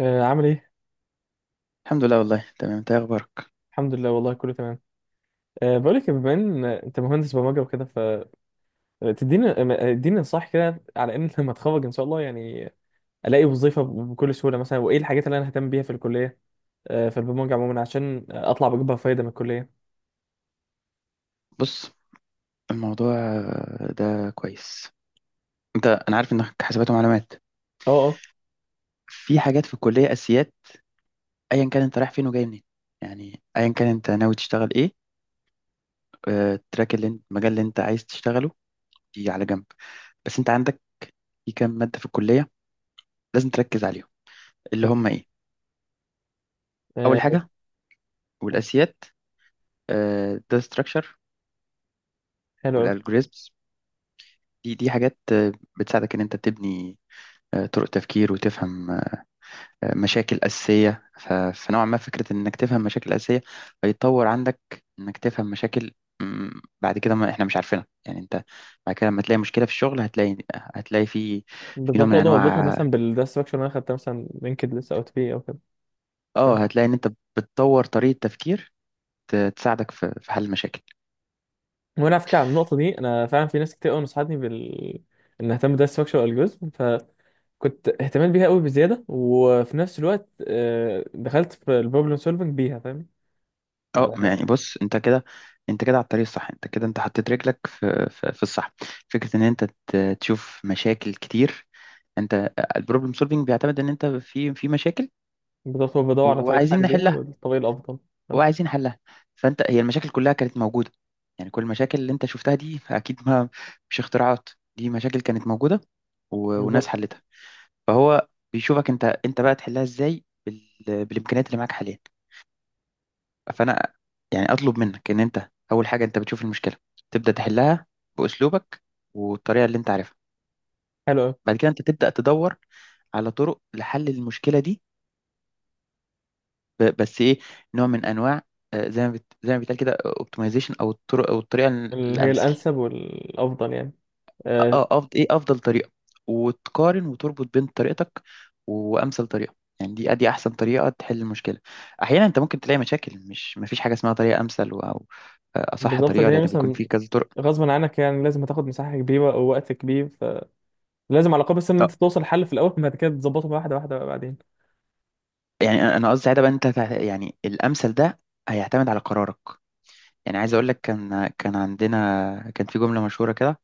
عامل ايه؟ الحمد لله، والله تمام. انت ايه اخبارك؟ الحمد لله والله كله تمام. بقولك بما ان انت مهندس برمجه وكده. فتديني اديني نصايح كده على ان لما اتخرج ان شاء الله يعني الاقي وظيفه بكل سهوله مثلا، وايه الحاجات اللي انا ههتم بيها في الكليه في البرمجه عموما عشان اطلع بجيبها فايده من الكليه. بص، الموضوع ده كويس. انا عارف انك حسابات ومعلومات. اه. في حاجات في الكليه اساسيات، ايا كان انت رايح فين وجاي منين، يعني ايا كان انت ناوي تشتغل ايه. التراك اللي انت، المجال اللي انت عايز تشتغله، دي على جنب. بس انت عندك في كام ماده في الكليه لازم تركز عليهم، اللي هم ايه؟ آه، اول حاجه والاساسيات، ده ستراكشر حلو قوي. والالجوريزمز. دي حاجات بتساعدك ان انت تبني طرق تفكير، وتفهم مشاكل أساسية. فنوعا ما فكرة إنك تفهم مشاكل أساسية هيتطور عندك، إنك تفهم مشاكل. بعد كده ما إحنا مش عارفينها، يعني أنت بعد كده لما تلاقي مشكلة في الشغل هتلاقي في في نوع بالظبط، من اقدر اربطها أنواع، مثلا بالستراكشر اللي انا خدتها مثلا لينكد لسه او تبي او كده. ف- هتلاقي إن أنت بتطور طريقة تفكير تساعدك في حل المشاكل. وانا على فكره، على النقطه دي انا فعلا في ناس كتير قوي نصحتني ان اهتم بالداتا ستراكشر الجوريزم، كنت اهتمام بيها قوي بزياده، وفي نفس الوقت دخلت في البروبلم سولفنج بيها، فاهم آه ما على. يعني بص، أنت كده، أنت كده على الطريق الصح، أنت كده أنت حطيت رجلك في الصح. فكرة إن أنت تشوف مشاكل كتير. أنت البروبلم سولفينج بيعتمد إن أنت في مشاكل بالظبط، هو بدور على طريقه وعايزين حل ليها نحلها، والطريقه الافضل، فاهم؟ وعايزين حلها. فانت هي المشاكل كلها كانت موجوده، يعني كل المشاكل اللي انت شفتها دي اكيد، ما مش اختراعات، دي مشاكل كانت موجوده وناس بالظبط. حلتها. فهو بيشوفك انت بقى تحلها ازاي بالامكانيات اللي معاك حاليا. فانا يعني اطلب منك ان انت اول حاجه انت بتشوف المشكله تبدا تحلها باسلوبك والطريقه اللي انت عارفها. حلو قوي. بعد كده انت تبدا تدور على طرق لحل المشكله دي، بس ايه، نوع من انواع، زي ما بيتقال كده، اوبتمايزيشن، او الطرق او الطريقه اللي هي الامثل. الانسب والافضل يعني. آه، افضل ايه؟ افضل طريقه. وتقارن وتربط بين طريقتك وامثل طريقه، يعني دي ادي احسن طريقه تحل المشكله. احيانا انت ممكن تلاقي مشاكل مش، مفيش حاجه اسمها طريقه امثل او اصح بالظبط. طريقه، اللي لان هي بيكون مثلا في كذا طرق. غصبا عنك يعني لازم هتاخد مساحه كبيره او وقت كبير، فلازم على الاقل بس ان انت آه، توصل لحل في الاول، بعد كده تظبطه بقى واحده واحده بقى بعدين. يعني انا قصدي ساعتها بقى انت يعني الامثل ده هيعتمد على قرارك. يعني عايز اقول لك، كان عندنا، كان في جمله مشهوره كده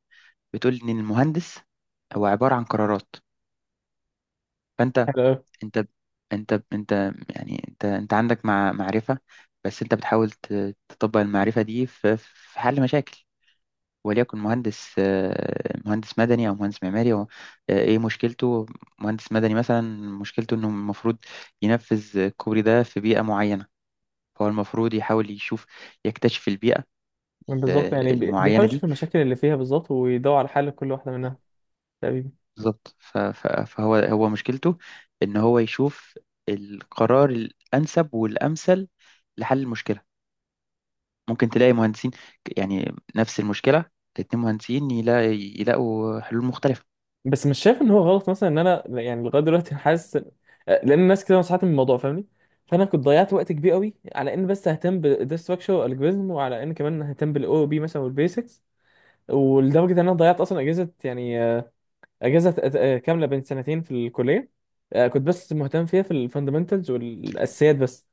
بتقول ان المهندس هو عباره عن قرارات. فانت، حلو قوي. انت انت يعني انت عندك معرفة، بس انت بتحاول تطبق المعرفة دي في حل مشاكل. وليكن مهندس، مهندس مدني او مهندس معماري، هو ايه مشكلته؟ مهندس مدني مثلا، مشكلته انه المفروض ينفذ الكوبري ده في بيئة معينة. هو المفروض يحاول يشوف، يكتشف البيئة بالظبط، يعني المعينة بيحاول يشوف دي. المشاكل اللي فيها بالظبط ويدور على حل كل واحده منها تقريبا. بالظبط، فهو هو مشكلته ان هو يشوف القرار الانسب والامثل لحل المشكلة. ممكن تلاقي مهندسين، يعني نفس المشكلة، الاتنين مهندسين يلاقوا حلول مختلفة. بس مش شايف ان هو غلط مثلا ان انا، يعني لغايه دلوقتي حاسس لان الناس كده نصحتني من الموضوع، فاهمني؟ فانا كنت ضيعت وقت كبير قوي على ان بس اهتم بالديستراكشر والالجوريزم، وعلى ان كمان اهتم بالاو بي مثلا والبيسكس، ولدرجه ان انا ضيعت اصلا اجازه، يعني اجازه كامله بين سنتين في الكليه. آه، كنت بس مهتم فيها في الفاندمنتالز والاساسيات بس،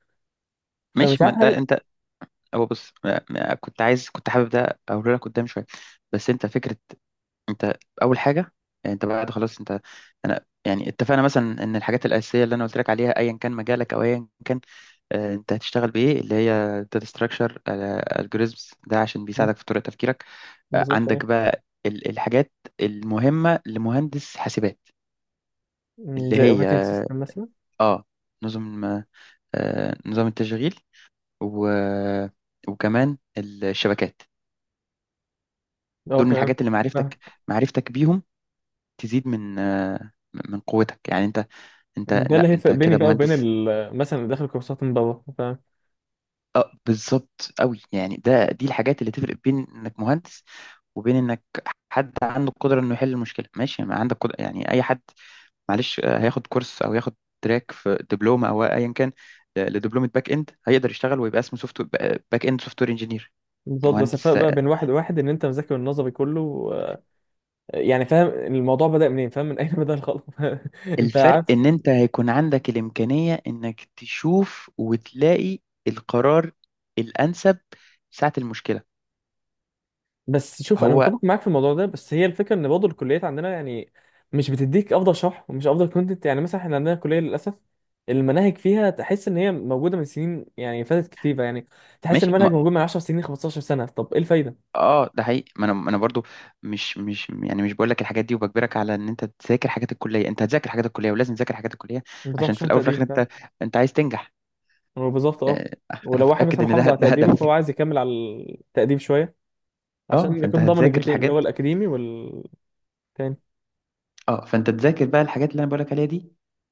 فمش ماشي، ما عارف ده هل. انت، هو بص، كنت عايز، كنت حابب ده اقول لك قدام شوية. بس انت فكرة، انت اول حاجة، يعني انت بعد خلاص، انت، انا يعني اتفقنا مثلا ان الحاجات الاساسيه اللي انا قلت لك عليها، ايا كان مجالك او ايا كان انت هتشتغل بايه، اللي هي داتا ستراكشر الجوريزمز، ده عشان مم، بيساعدك في طريقه تفكيرك. بالظبط عندك ايه. بقى الحاجات المهمه لمهندس حاسبات، مم، اللي زي هي، اوبريتنج سيستم مثلا. اه، نظم، نظام التشغيل و... وكمان الشبكات. اه دول من تمام. الحاجات اللي فاهم. معرفتك بيهم تزيد من من قوتك. يعني انت، انت ده اللي لا انت هيفرق بيني كده بقى وبين مهندس. مثلا اللي داخل كورسات من بابا. اه بالظبط قوي، يعني دي الحاجات اللي تفرق بين انك مهندس وبين انك حد عنده القدره انه يحل المشكله. ماشي، ما عندك قدرة، يعني اي حد معلش هياخد كورس او ياخد تراك في دبلومه او ايا كان، لدبلومه باك اند، هيقدر يشتغل ويبقى اسمه سوفت باك اند سوفت وير انجينير. بالظبط، بس الفرق مهندس، بقى بين واحد وواحد ان انت مذاكر النظري كله، يعني فاهم الموضوع بدأ منين، فاهم من اين بدأ الخلق انت الفرق عارف، ان انت هيكون عندك الامكانية انك تشوف وتلاقي القرار الانسب ساعة المشكلة. بس شوف انا هو، متفق معاك في الموضوع ده، بس هي الفكره ان برضه الكليات عندنا يعني مش بتديك افضل شرح ومش افضل كونتنت، يعني مثلا احنا عندنا كليه للاسف المناهج فيها تحس ان هي موجوده من سنين، يعني فاتت كتيره، يعني تحس ان مش المنهج ما موجود من 10 سنين 15 سنه، طب ايه الفايده؟ اه ده حقيقي. ما انا ما انا برضو، مش مش يعني مش بقول لك الحاجات دي وبجبرك على ان انت تذاكر حاجات الكليه. انت هتذاكر حاجات الكليه، ولازم تذاكر حاجات الكليه، بالظبط عشان في عشان الاول وفي الاخر تقدير، فاهم. انت، انت عايز تنجح. بالظبط اه. آه، انا ولو واحد متاكد مثلا ان محافظ ده على ده تقديره هدف. فهو عايز يكمل على التقدير شويه اه، عشان فانت يكون ضامن هتذاكر الجهتين اللي هو الحاجات، الاكاديمي والتاني. اه فانت تذاكر بقى الحاجات اللي انا بقولك عليها دي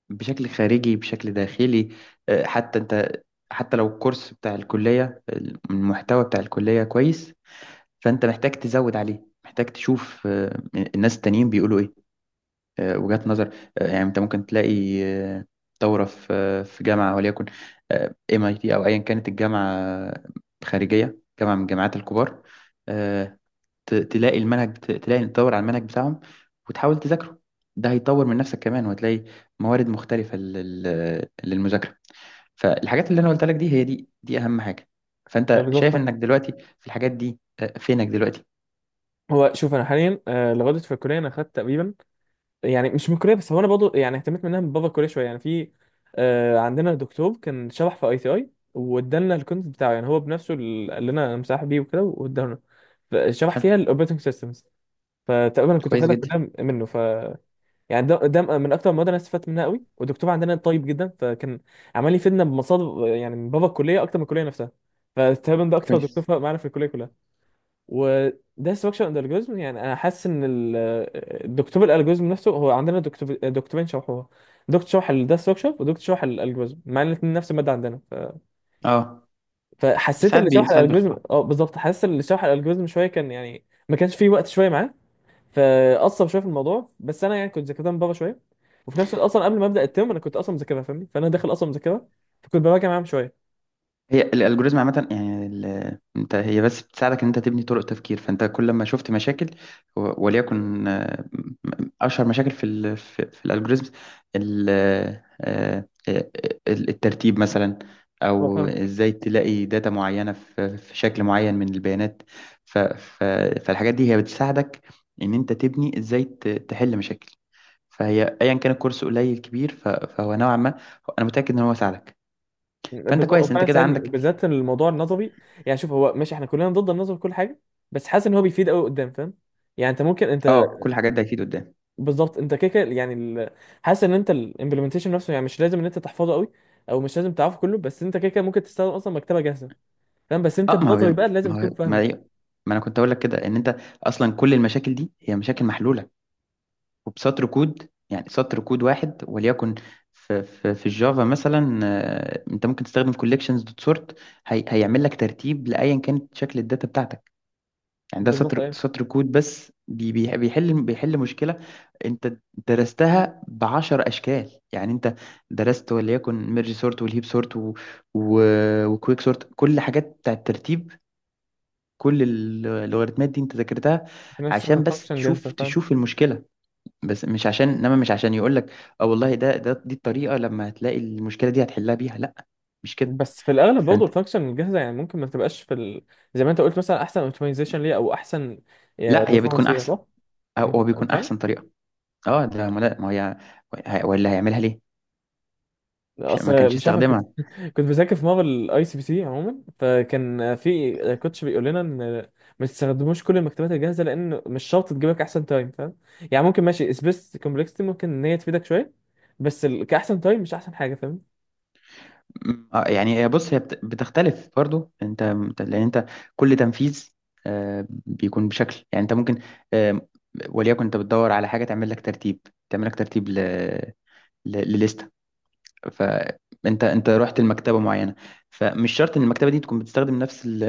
بشكل خارجي بشكل داخلي. حتى انت، حتى لو الكورس بتاع الكلية، المحتوى بتاع الكلية كويس، فانت محتاج تزود عليه، محتاج تشوف الناس التانيين بيقولوا ايه، وجهات نظر. يعني انت ممكن تلاقي دورة في في جامعة، وليكن MIT، او ايا كانت الجامعة، خارجية، جامعة من الجامعات الكبار، آه، تلاقي المنهج، بت- تلاقي تدور على المنهج بتاعهم وتحاول تذاكره. ده هيطور من نفسك كمان، وهتلاقي موارد مختلفة للمذاكرة. فالحاجات اللي انا قلت لك دي هي دي اهم حاجة. ما فانت بالظبط شايف انك فاهم. دلوقتي في الحاجات دي فينك دلوقتي؟ هو شوف انا حاليا، آه، لغايه في الكليه انا خدت تقريبا يعني، مش من الكليه بس، هو انا برضه يعني اهتميت منها من بابا الكليه شويه، يعني في آه، عندنا دكتور كان شرح في اي تي اي وادالنا الكونت بتاعه، يعني هو بنفسه اللي قال لنا أنا مساح بيه وكده، وادالنا شرح حلو، فيها الاوبريتنج سيستمز، فتقريبا كنت كويس واخدها جدا، كلها منه. يعني ده من اكتر المواد اللي انا استفدت منها قوي، والدكتور عندنا طيب جدا، فكان عمال يفيدنا بمصادر يعني من بابا الكليه اكتر من الكليه نفسها، فتقريبا ده اكتر دكتور كويس، فرق معانا في الكليه كلها. وده ستراكشر اند الجوريزم، يعني انا حاسس ان الدكتور الالجوريزم نفسه، هو عندنا دكتور دكتورين شرحوها، دكتور شرح ده ستراكشر ودكتور شرح الالجوريزم، مع ان الاثنين نفس الماده عندنا اه. فحسيت ساعات ان شرح ساعات بيخلص. الالجوريزم اه بالظبط، حاسس ان شرح الالجوريزم شويه كان يعني ما كانش فيه وقت شويه معاه، فاثر شويه في الموضوع. بس انا يعني كنت ذاكرتها من بره شويه، وفي نفس الوقت اصلا قبل ما ابدا الترم انا كنت اصلا مذاكرها، فاهمني، فانا داخل اصلا مذاكرها، فكنت براجع معاهم شويه. هي الالجوريزم عامه، يعني ال- انت هي بس بتساعدك ان انت تبني طرق تفكير. فانت كل ما شفت مشاكل، وليكن اشهر مشاكل في في الالجوريزم، ال- آه، آه، آه، الترتيب مثلا، هو او فاهم. ازاي تلاقي داتا معينه في شكل معين من البيانات. ف- ف- فالحاجات دي هي بتساعدك ان انت تبني ازاي تحل مشاكل. فهي ايا كان الكورس قليل كبير، فهو نوعا ما، انا متاكد ان هو ساعدك. فانت بالظبط، هو كويس، انت فعلا كده ساعدني، عندك، وبالذات الموضوع النظري. يعني شوف، هو ماشي احنا كلنا ضد النظر في كل حاجه، بس حاسس ان هو بيفيد قوي قدام، فاهم. يعني انت ممكن انت اه، كل الحاجات دي اكيد قدام. بالظبط انت كده كده يعني حاسس ان انت الامبلمنتيشن نفسه، يعني مش لازم ان انت تحفظه قوي، او مش لازم تعرفه كله، بس انت كده كده ممكن تستخدم اصلا مكتبه جاهزه، فاهم، بس انت اه ما النظري هو، بقى لازم ما هو تكون ما, فاهمه. هي- ما انا كنت اقول لك كده ان انت اصلا كل المشاكل دي هي مشاكل محلوله، وبسطر كود. يعني سطر كود واحد وليكن في الجافا مثلا، انت ممكن تستخدم collections.sort، هي هيعمل لك ترتيب لايا كانت شكل الداتا بتاعتك. يعني ده بالظبط ايه. سطر كود بس بيحل مشكلة انت درستها بعشر اشكال. يعني انت درست وليكن ميرج سورت والهيب سورت و... وكويك سورت، كل حاجات بتاع الترتيب، كل اللوغاريتمات دي انت ذاكرتها الناس تستخدم عشان بس فانكشن جاهزه، فاهم. تشوف المشكلة، بس مش عشان، انما مش عشان يقول لك اه والله ده دي الطريقة، لما هتلاقي المشكلة دي هتحلها بيها، لا، مش كده. بس في الاغلب برضه فانت، الفانكشن الجاهزه يعني ممكن ما تبقاش في زي ما انت قلت مثلا، احسن اوبتمايزيشن ليها او احسن لا، هي بتكون بيرفورمانس ليها، احسن، صح؟ او هو بيكون فاهم؟ احسن طريقة، اه. ده ما لا- ما هي ولا هيعملها ليه؟ مش ما كانش اصل مش عارف، أنا كنت يستخدمها. كنت بذاكر في مره الاي سي بي سي عموما، فكان في كوتش بيقول لنا ان ما تستخدموش كل المكتبات الجاهزه لان مش شرط تجيب لك احسن تايم، فاهم؟ يعني ممكن ماشي سبيس كومبلكسيتي ممكن ان هي تفيدك شويه، بس كاحسن تايم مش احسن حاجه، فاهم؟ يعني هي، بص، بتختلف برضو. انت، لان انت كل تنفيذ بيكون بشكل، يعني انت ممكن، آه، وليكن انت بتدور على حاجه تعمل لك ترتيب، تعمل لك ترتيب ل فانت، انت رحت لمكتبه معينه، فمش شرط ان المكتبه دي تكون بتستخدم نفس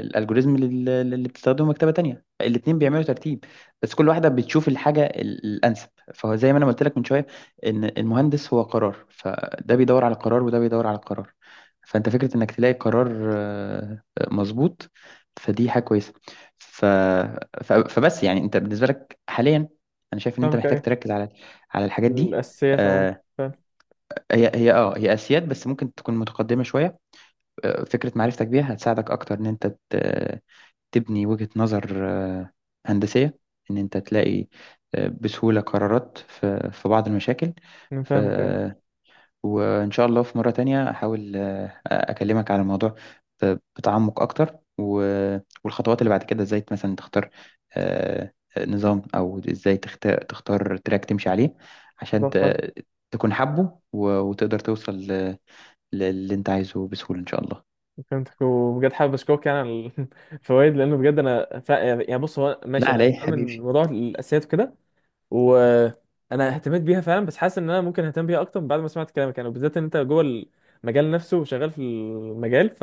الالجوريزم اللي بتستخدمه مكتبه تانية، فالاتنين بيعملوا ترتيب، بس كل واحده بتشوف الحاجه الانسب. فهو زي ما انا قلت لك من شويه، ان المهندس هو قرار، فده بيدور على قرار وده بيدور على قرار. فانت فكره انك تلاقي قرار مظبوط، فدي حاجه كويسه. ف... ف... فبس يعني انت بالنسبه لك حاليا، انا شايف ان انت فاهمك محتاج ايه. تركز على الحاجات دي. الاساسيات عموما، آه، فاهم؟ هي اسياد، بس ممكن تكون متقدمه شويه. فكره معرفتك بيها هتساعدك اكتر ان انت تبني وجهه نظر هندسيه، ان انت تلاقي بسهوله قرارات في بعض المشاكل. أنا ف فاهمك ايه. وان شاء الله في مره تانية احاول اكلمك على الموضوع بتعمق اكتر والخطوات اللي بعد كده، ازاي مثلا تختار آه، نظام، او ازاي تختار، تراك تمشي عليه عشان بالظبط. تكون حابه وتقدر توصل اللي انت عايزه بسهولة ان شاء الله. فهمتك، وبجد حابب اشكرك يعني على الفوائد، لانه بجد انا يعني بص هو ماشي، لا انا على ايه فاهم حبيبي. الموضوع الاساسيات وكده، وانا اهتميت بيها فعلا، بس حاسس ان انا ممكن اهتم بيها اكتر بعد ما سمعت كلامك، يعني وبالذات ان انت جوه المجال نفسه وشغال في المجال، ف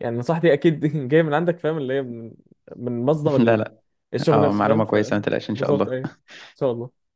يعني نصيحتي اكيد جايه من عندك، فاهم، اللي هي من، من مصدر لا ال- لا الشغل اه، نفسه، فاهم معلومة ف. كويسة، ما تقلقش ان شاء بالظبط الله. ايوه ان شاء الله.